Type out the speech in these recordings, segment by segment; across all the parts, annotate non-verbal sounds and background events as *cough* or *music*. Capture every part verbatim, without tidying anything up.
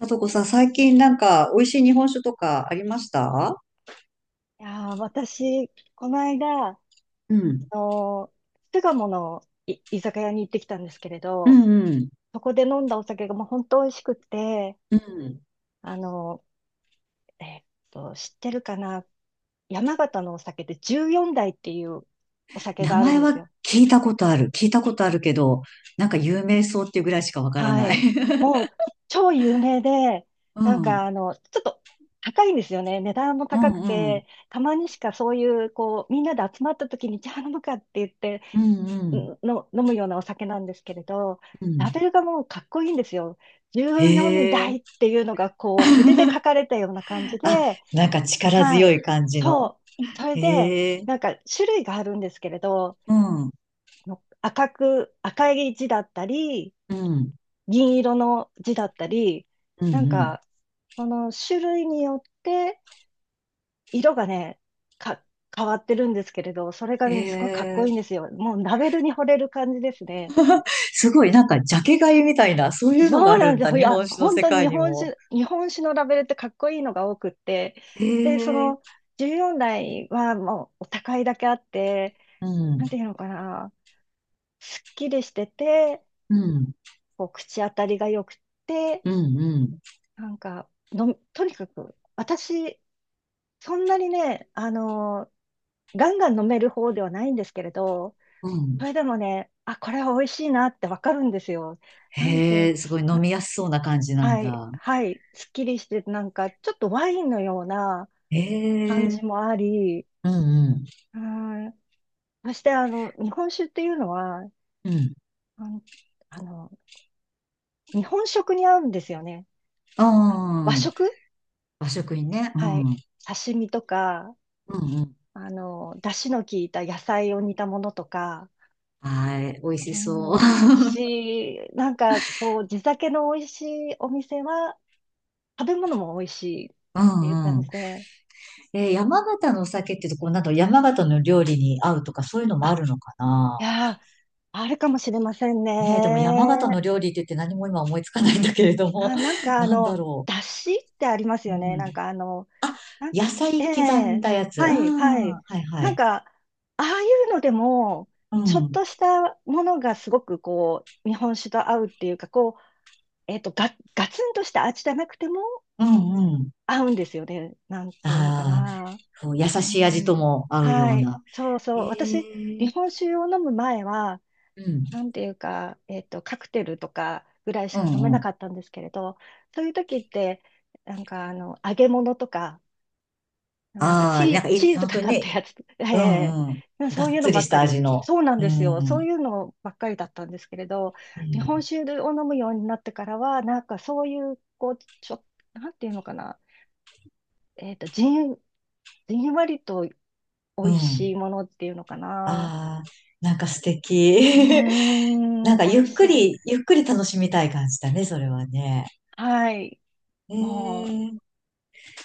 さとこさん、最近なんか美味しい日本酒とかありました？いやー、私、この間、あうん、のー、巣鴨のい居酒屋に行ってきたんですけれうど、ん、うん、そこで飲んだお酒がもう本当美味しくて、うん。あのー、えーっと、知ってるかな、山形のお酒でじゅうよんだい代っていうお酒名があるん前ですはよ。聞いたことある。聞いたことあるけど、なんか有名そうっていうぐらいしかわからはない。い。*laughs* もう超有名で、うなんん、かあの、ちょっと高いんですよね。値段もう高くん、うん、て、たまにしかそういう、こう、みんなで集まった時に、じゃあ飲むかって言って、うん、うん。の飲むようなお酒なんですけれど、うん、ラベルがもうかっこいいんですよ。へじゅうよんだいえ。代っていうのがこう筆で書かれたような感じあ、で、なんか力は強い。い感じその。う。それで、へえ。なんか種類があるんですけれど、うん、うん、の赤く、赤い字だったり、うん、銀色の字だったり、うなんん。か、その種類によって色がね、か、変わってるんですけれど、それがへね、すごいかっこいいんでえ。すよ。もうラベルに惚れる感じですね。すごい、なんかジャケ買いみたいな、そういうのがそうあなるんんですだ、よ。い日や、本酒の本世当に日界に本も。酒、日本酒のラベルってかっこいいのが多くって、へで、そのえ。じゅうよんだい代はもうお高いだけあって、うん、なんていうのかな、すっきりしてて、うん。こう口当たりが良くて、うんうん。なんかの、とにかく私、そんなにね、あの、ガンガン飲める方ではないんですけれど、うん。それでもね、あ、これは美味しいなってわかるんですよ。なんていへう。え、すごい飲みやすそうな感じなんはい、だ。はい、すっきりして、なんか、ちょっとワインのようなへ感じえ、もあり、うんうん。はい。そして、あの、日本酒っていうのは、うん。あの、あの日本食に合うんですよね。はい。和ああ、食。和食にね。うはん。い。うん刺身とか、うん。あの、出汁の効いた野菜を煮たものとか、はい。美味うしそう。ん、美 *laughs* 味しい、なんか、こう、地酒の美味しいお店は、食べ物も美味しいっうていうん感うん。じで、えー、山形のお酒っていうと、こう、なんか山形の料理に合うとか、そういうのもああるのかな。いやー、あるかもしれませんね。ねえ、でも山形の料理って言って何も今思いつかないんだけれども、あ、なん *laughs* かあなんだの、ろだしってありますう。うよね。なんん。かあの、なん野て、え菜刻んえ、だやつ。あはあ、い、はい。はいはなんい。か、ああいうのでも、うちょっん。としたものがすごくこう、日本酒と合うっていうか、こう、えっと、ガ、ガツンとした味じゃなくてもうんうん。合うんですよね。なんていうのかああ。な。こう優うしい味とん。も合うようはい。な。そうへそう。私、え。日本酒を飲む前は、うん。なんていうか、えっと、カクテルとかぐらいしうんか飲めうなん。かったんですけれど、そういう時って、なんかあの、揚げ物とか、なんかああ、なんチかー、い、チーズ本か当にかったね、やつ、*laughs* うえんうん。え、がそうっいうのつばりっしかたり。味の。そうなんうですよ。そん。うういうのばっかりだったんですけれど、日本ん。酒を飲むようになってからは、なんかそういう、こう、ちょ、なんていうのかな、えっと、じん、じんわりと美う味しん。いものっていうのかな。ああ、なんか素敵。うー *laughs* なん、んか美ゆ味っしくいです。り、ゆっくり楽しみたい感じだね、それはね。はい。へもう、え。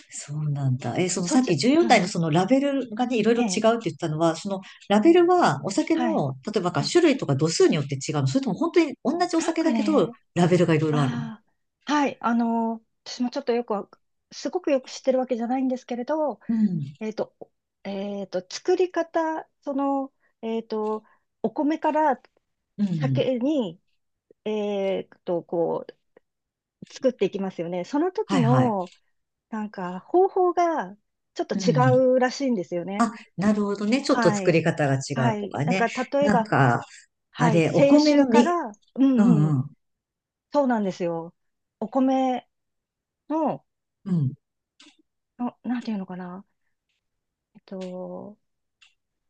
そうなんだ。え、そのそっさっち、きうじゅうよん代ん。のそのラベルがね、いろいえろ違うえ。って言ったのは、そのラベルはお酒はい。の、例えばかはい。種類とか度数によって違うの？それとも本当に同じおなん酒かだけど、ね、ラベルがいろいろあるの？ああ、はい。あの、私もちょっとよくわ、すごくよく知ってるわけじゃないんですけれど、うん、えっと、えっと、作り方、その、えっと、お米からうん。酒に、えっと、こう、作っていきますよね。そのは時いはい。の、なんか、方法が、ちょっとうん。違うらしいんですよね。なるほどね。ちょっとは作い。り方が違はうとい。かなんね。か、例えなんば、か、あはい。れ、お清米酒のかみ、ら、ううんうんうん。ん。そうなんですよ。お米の、うん。の、なんていうのかな。えっと、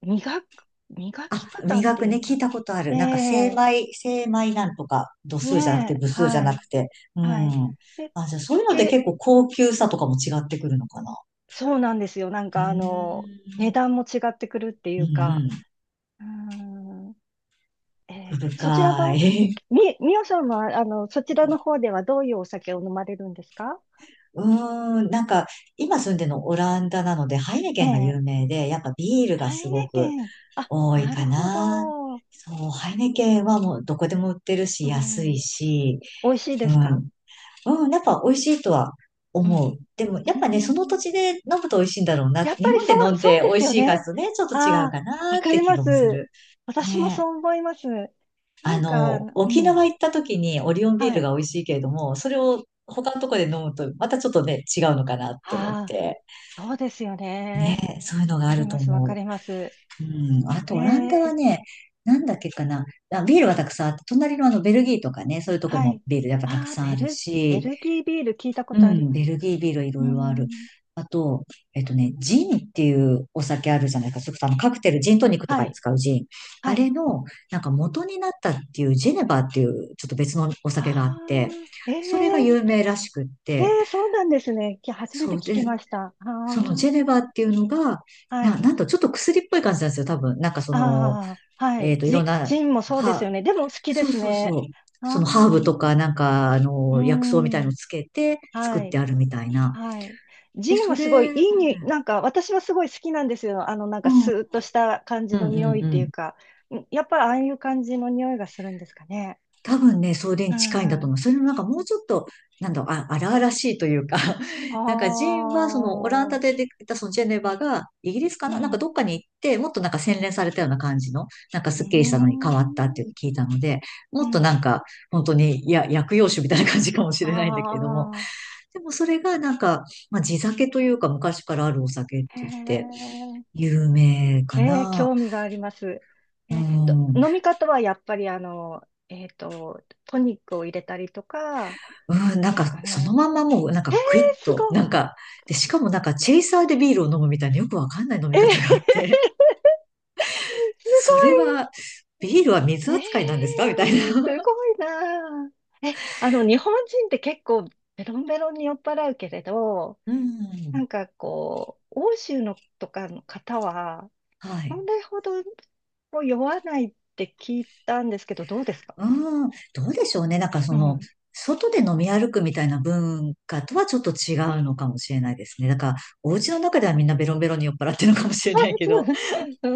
磨く、磨あ、き方っ磨てくいうね、のか聞いたことある。な。なんか、精ええ、米、精米なんとか、度数じゃなくねて、え、部数じゃはない、くて。うはん。い。で、あ、じゃあ、そういうので結け、構高級さとかも違ってくるのかな。そうなんですよ。なんうか、あの、ー値ん。段も違ってくるっていううんうか。ん。うーん、え奥え、そちら深は、い。み、みおさんは、あの、そち *laughs* らうの方ではどういうお酒を飲まれるんですか？ん、うーん、なんか、今住んでるのオランダなので、ハイネえケンがえ、有名で、やっぱビールがハイすネごくケン。あ、多いなるかほな。ど。そう、ハイネケンはもうどこでも売ってるうし、安ん、いし、美味しいうですか？ん、うん、やっぱ美味しいとはう思う。ん。でも、うやっぱね、その土ん、地で飲むと美味しいんだろうなっやて、っ日ぱり本でそ飲う、んそうでで美す味よしいかね。とね、ちょっと違あうあ、かわなっかてり気まがす。もする。私もねえ。そう思います。なあんか、の、う沖ん、縄行った時にオリオンビーはルがい。美味しいけれども、それを他のとこで飲むと、またちょっとね、違うのかなって思っあて。あ、そうですよねね。え、そういうのがわかありるとます、わ思かう。ります。うん。あと、えオランダはえ、ね、なんだっけかな。あ、ビールはたくさんあって、隣のあのベルギーとかね、そういうとこはもい。ビールやっぱたくああ、さんベあるル、ベし、ルギービール聞いたこうとありん、まベす。ルギービールいうろいろある。ん、あと、えっとね、ジンっていうお酒あるじゃないか。それこそあのカクテル、ジントニックとはかにい、使うジン。あはい。れの、なんか元になったっていうジェネバーっていう、ちょっと別のお酒があって、ああ、えそれがえ、有名らしくっえて、え、そうなんですね。き初めそて聞うきで、ました。あそのジェネあ、バーっていうのが、はな、い。なんとちょっと薬っぽい感じなんですよ、多分。なんかその、ああ、はえっい。と、いろんジ、な、ジンもそうですよは、ね。でも好きでそうすそうそね。う。ああ、そのハーブとか、なんか、あうの、薬草みたいのん。つけて作っはてい。あるみたいな。はい。で、ジンそはすごいれ、いいに、なんか私はすごい好きなんですよ。あの、なんうかん、うスんーッとした感じうの匂いんっうていうん。か。んやっぱりああいう感じの匂いがするんですかね？多分ね、それうに近いんだん。と思う。あそれもなんかもうちょっと、なんだろう、あ、荒々しいというか、*laughs* なんかジンはそのオランあ、ダでできたそのジェネバがイギリスかうななんん。かうどっかに行って、もっとなんか洗練されたような感じの、なんかースッキリしたのに変わったってん。いうのを聞いたので、うもっとん。なんか本当に、いや、薬用酒みたいな感じかもしあれないんだけれども、あ、でもそれがなんか、まあ地酒というか昔からあるお酒ってへ言って、え。有名かえー、な。興味があります。うえーと、ん。飲み方はやっぱりあの、えっと、トニックを入れたりとかうん、なんですか、かそのね？まんまもう、なんか、えクイッー、すと、ごい。なんか、で、しかもなんか、チェイサーでビールを飲むみたいな、よくわかんない飲えみー、 方があっ *laughs* すて、*laughs* それは、ビールは水ごい。え扱いなんですー、か、みたいな。す *laughs* ごいなあ。え、あの、日本人って結構ベロンベロンに酔っ払うけれど、うなん。んかこう、欧州のとかの方は、はそい。れほどもう酔わないって聞いたんですけど、どうですか？うん。どうでしょうね。なんか、うその、ん。外で飲み歩くみたいな文化とはちょっと違うのかもしれないですね。だから、お家の中ではみんなベロンベロンに酔っ払ってるの *laughs* あ、かもしれないけそう。ど、うー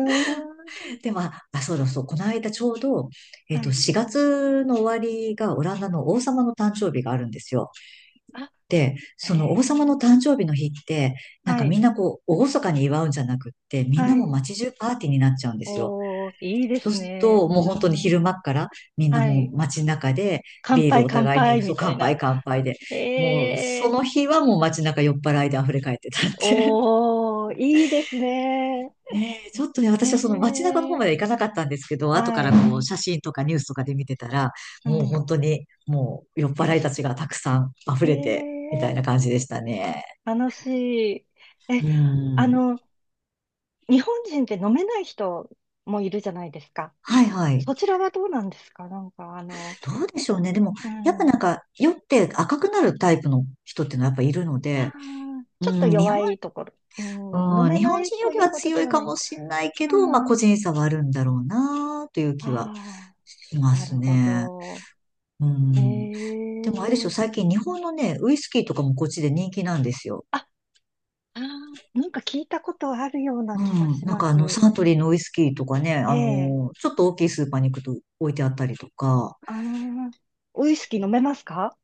ん。で、まあ、あ、そうだそう、この間ちょうど、えっはと、い。しがつの終わりがオランダの王様の誕生日があるんですよ。あ、で、へその王様のえ。誕生日の日って、なんはかみい。んなこう、厳かに祝うんじゃなくって、みんはなもうい。街中パーティーになっちゃうんですよ。おー、いいでそうすするね。と、もうう本当にん。昼間っから、みんなはもい。う街中で、乾ビール杯、お乾互いに、杯、そみう、た乾いな。杯乾杯で、もう、えそえ。の日はもう街中酔っ払いで溢れ返ってたって。おー、いいですね。ねえ、ちょっとね、え私はその街中の方まえ。では行かなかったんですけど、後かはらい。こう写真とかニュースとかで見てたら、うもうん。本当にもう酔っいや、払いすたちがたくさん溢えれて、みたいなえ、感じでしたね。楽しい。え、うあん。の、日本人って飲めない人もいるじゃないですか。はいはい。そちらはどうなんですか？なんか、あの、どうでしょうね。でも、うやっぱなん。んか酔って赤くなるタイプの人っていうのはやっぱいるのあで、あ、うちょっとん、日弱本、いところ。うん、飲うん、め日な本い人よとりいうはほどで強いはなかい。もしれないけあど、まあ個ー、人差はあるんだろうなという気はあしー、まなるすほね。ど。うえん。でもあれですよ、え、最近日本のね、ウイスキーとかもこっちで人気なんですよ。あ、ああ、なんか聞いたことあるようなう気がん。しなんまかあの、す。サントリーのウイスキーとかね、あのええ、ーちょっと大きいスーパーに行くと置いてあったりとか。ああ、ウイスキー飲めますか？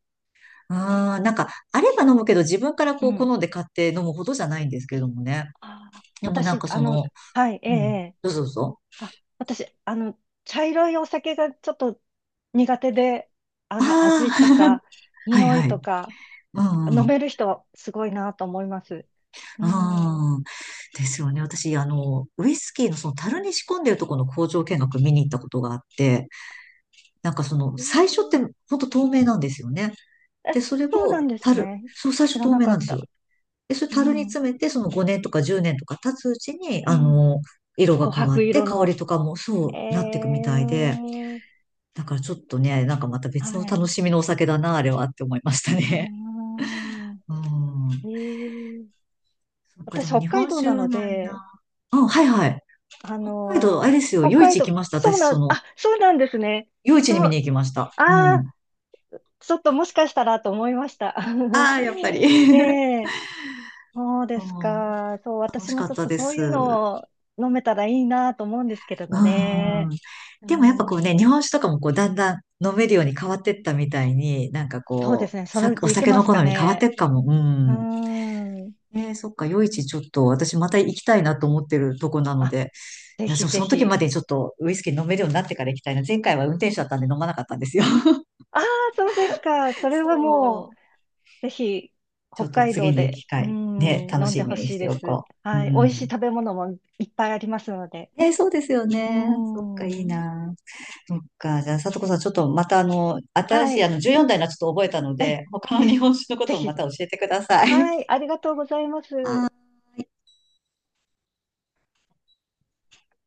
あー、なんか、あれば飲むけど自分からうこうん。好んで買って飲むほどじゃないんですけどもね。ああ、でもなん私、かあその、の、はい、ええうえん。え、どうぞどうぞ。あ、私、あの、茶色いお酒がちょっと苦手で、ああの、味あ、と *laughs* か、はい匂いはとい。か、うんう飲ん。める人はすごいなと思います。うん。うん。ですよね。私、あの、ウイスキーのその樽に仕込んでるところの工場見学見に行ったことがあって、なんかその、え最初っー、て本当透明なんですよね。え、で、それそうをなんです樽、ね。そう、最知初ら透な明かなんっですよ。た。で、それう樽にん。詰めて、そのごねんとかじゅうねんとか経つうちに、うあん。の、色琥が変わ珀って、色香の。りとかもそえうなっていくみたいで、ー、だからちょっとね、なんかまた別のはい。楽しみのお酒だな、あれはって思いましたあね。ー、うえん。ー、そっか、私、でも北日海本道酒なはのないで、な。うん、はいはい。あ北海道、あのれーですよ、北夜市海行き道、ました、そう私、なそん、の、あ、そうなんですね。夜市にそ見にう、行きました。うああ、ん。ちょっともしかしたらと思いました。ああ、やっぱり。*laughs* え *laughs* え、そうでそすう、か。そう、楽私しもかちっょったとでそういうす。のを飲めたらいいなと思うんですけれうどん。ね。うでもやっぱこうん、ね、日本酒とかもこうだんだん飲めるように変わってったみたいに、なんかそうでこすね。う、そのさ、うおち行け酒まのす好かみ変わってね。っかも。ううん。ん。えー、そっか、夜市ちょっと私また行きたいなと思ってるとこなのあ、で、ぜひそ、ぜその時まひ。でにちょっとウイスキー飲めるようになってから行きたいな。前回は運転手だったんで飲まなかったんですよ。ああ、そうですか。そ *laughs* れはもそう、う。ぜひ、ちょ北っと海次道にで、機うん、会、ね、楽飲んしでみほにししいてでおす。こう。うはい。美ん。味しい食べ物もいっぱいありますので。えー、そうですようね。そっか、いいん。な。そっか。じゃあ、さとこさん、ちょっとまたあの、新はしいあい。の、じゅうよん代のはちょっと覚えたのえ、で、他の日え、本酒のこぜともまひ。た教えてください。はい。ありがとうございます。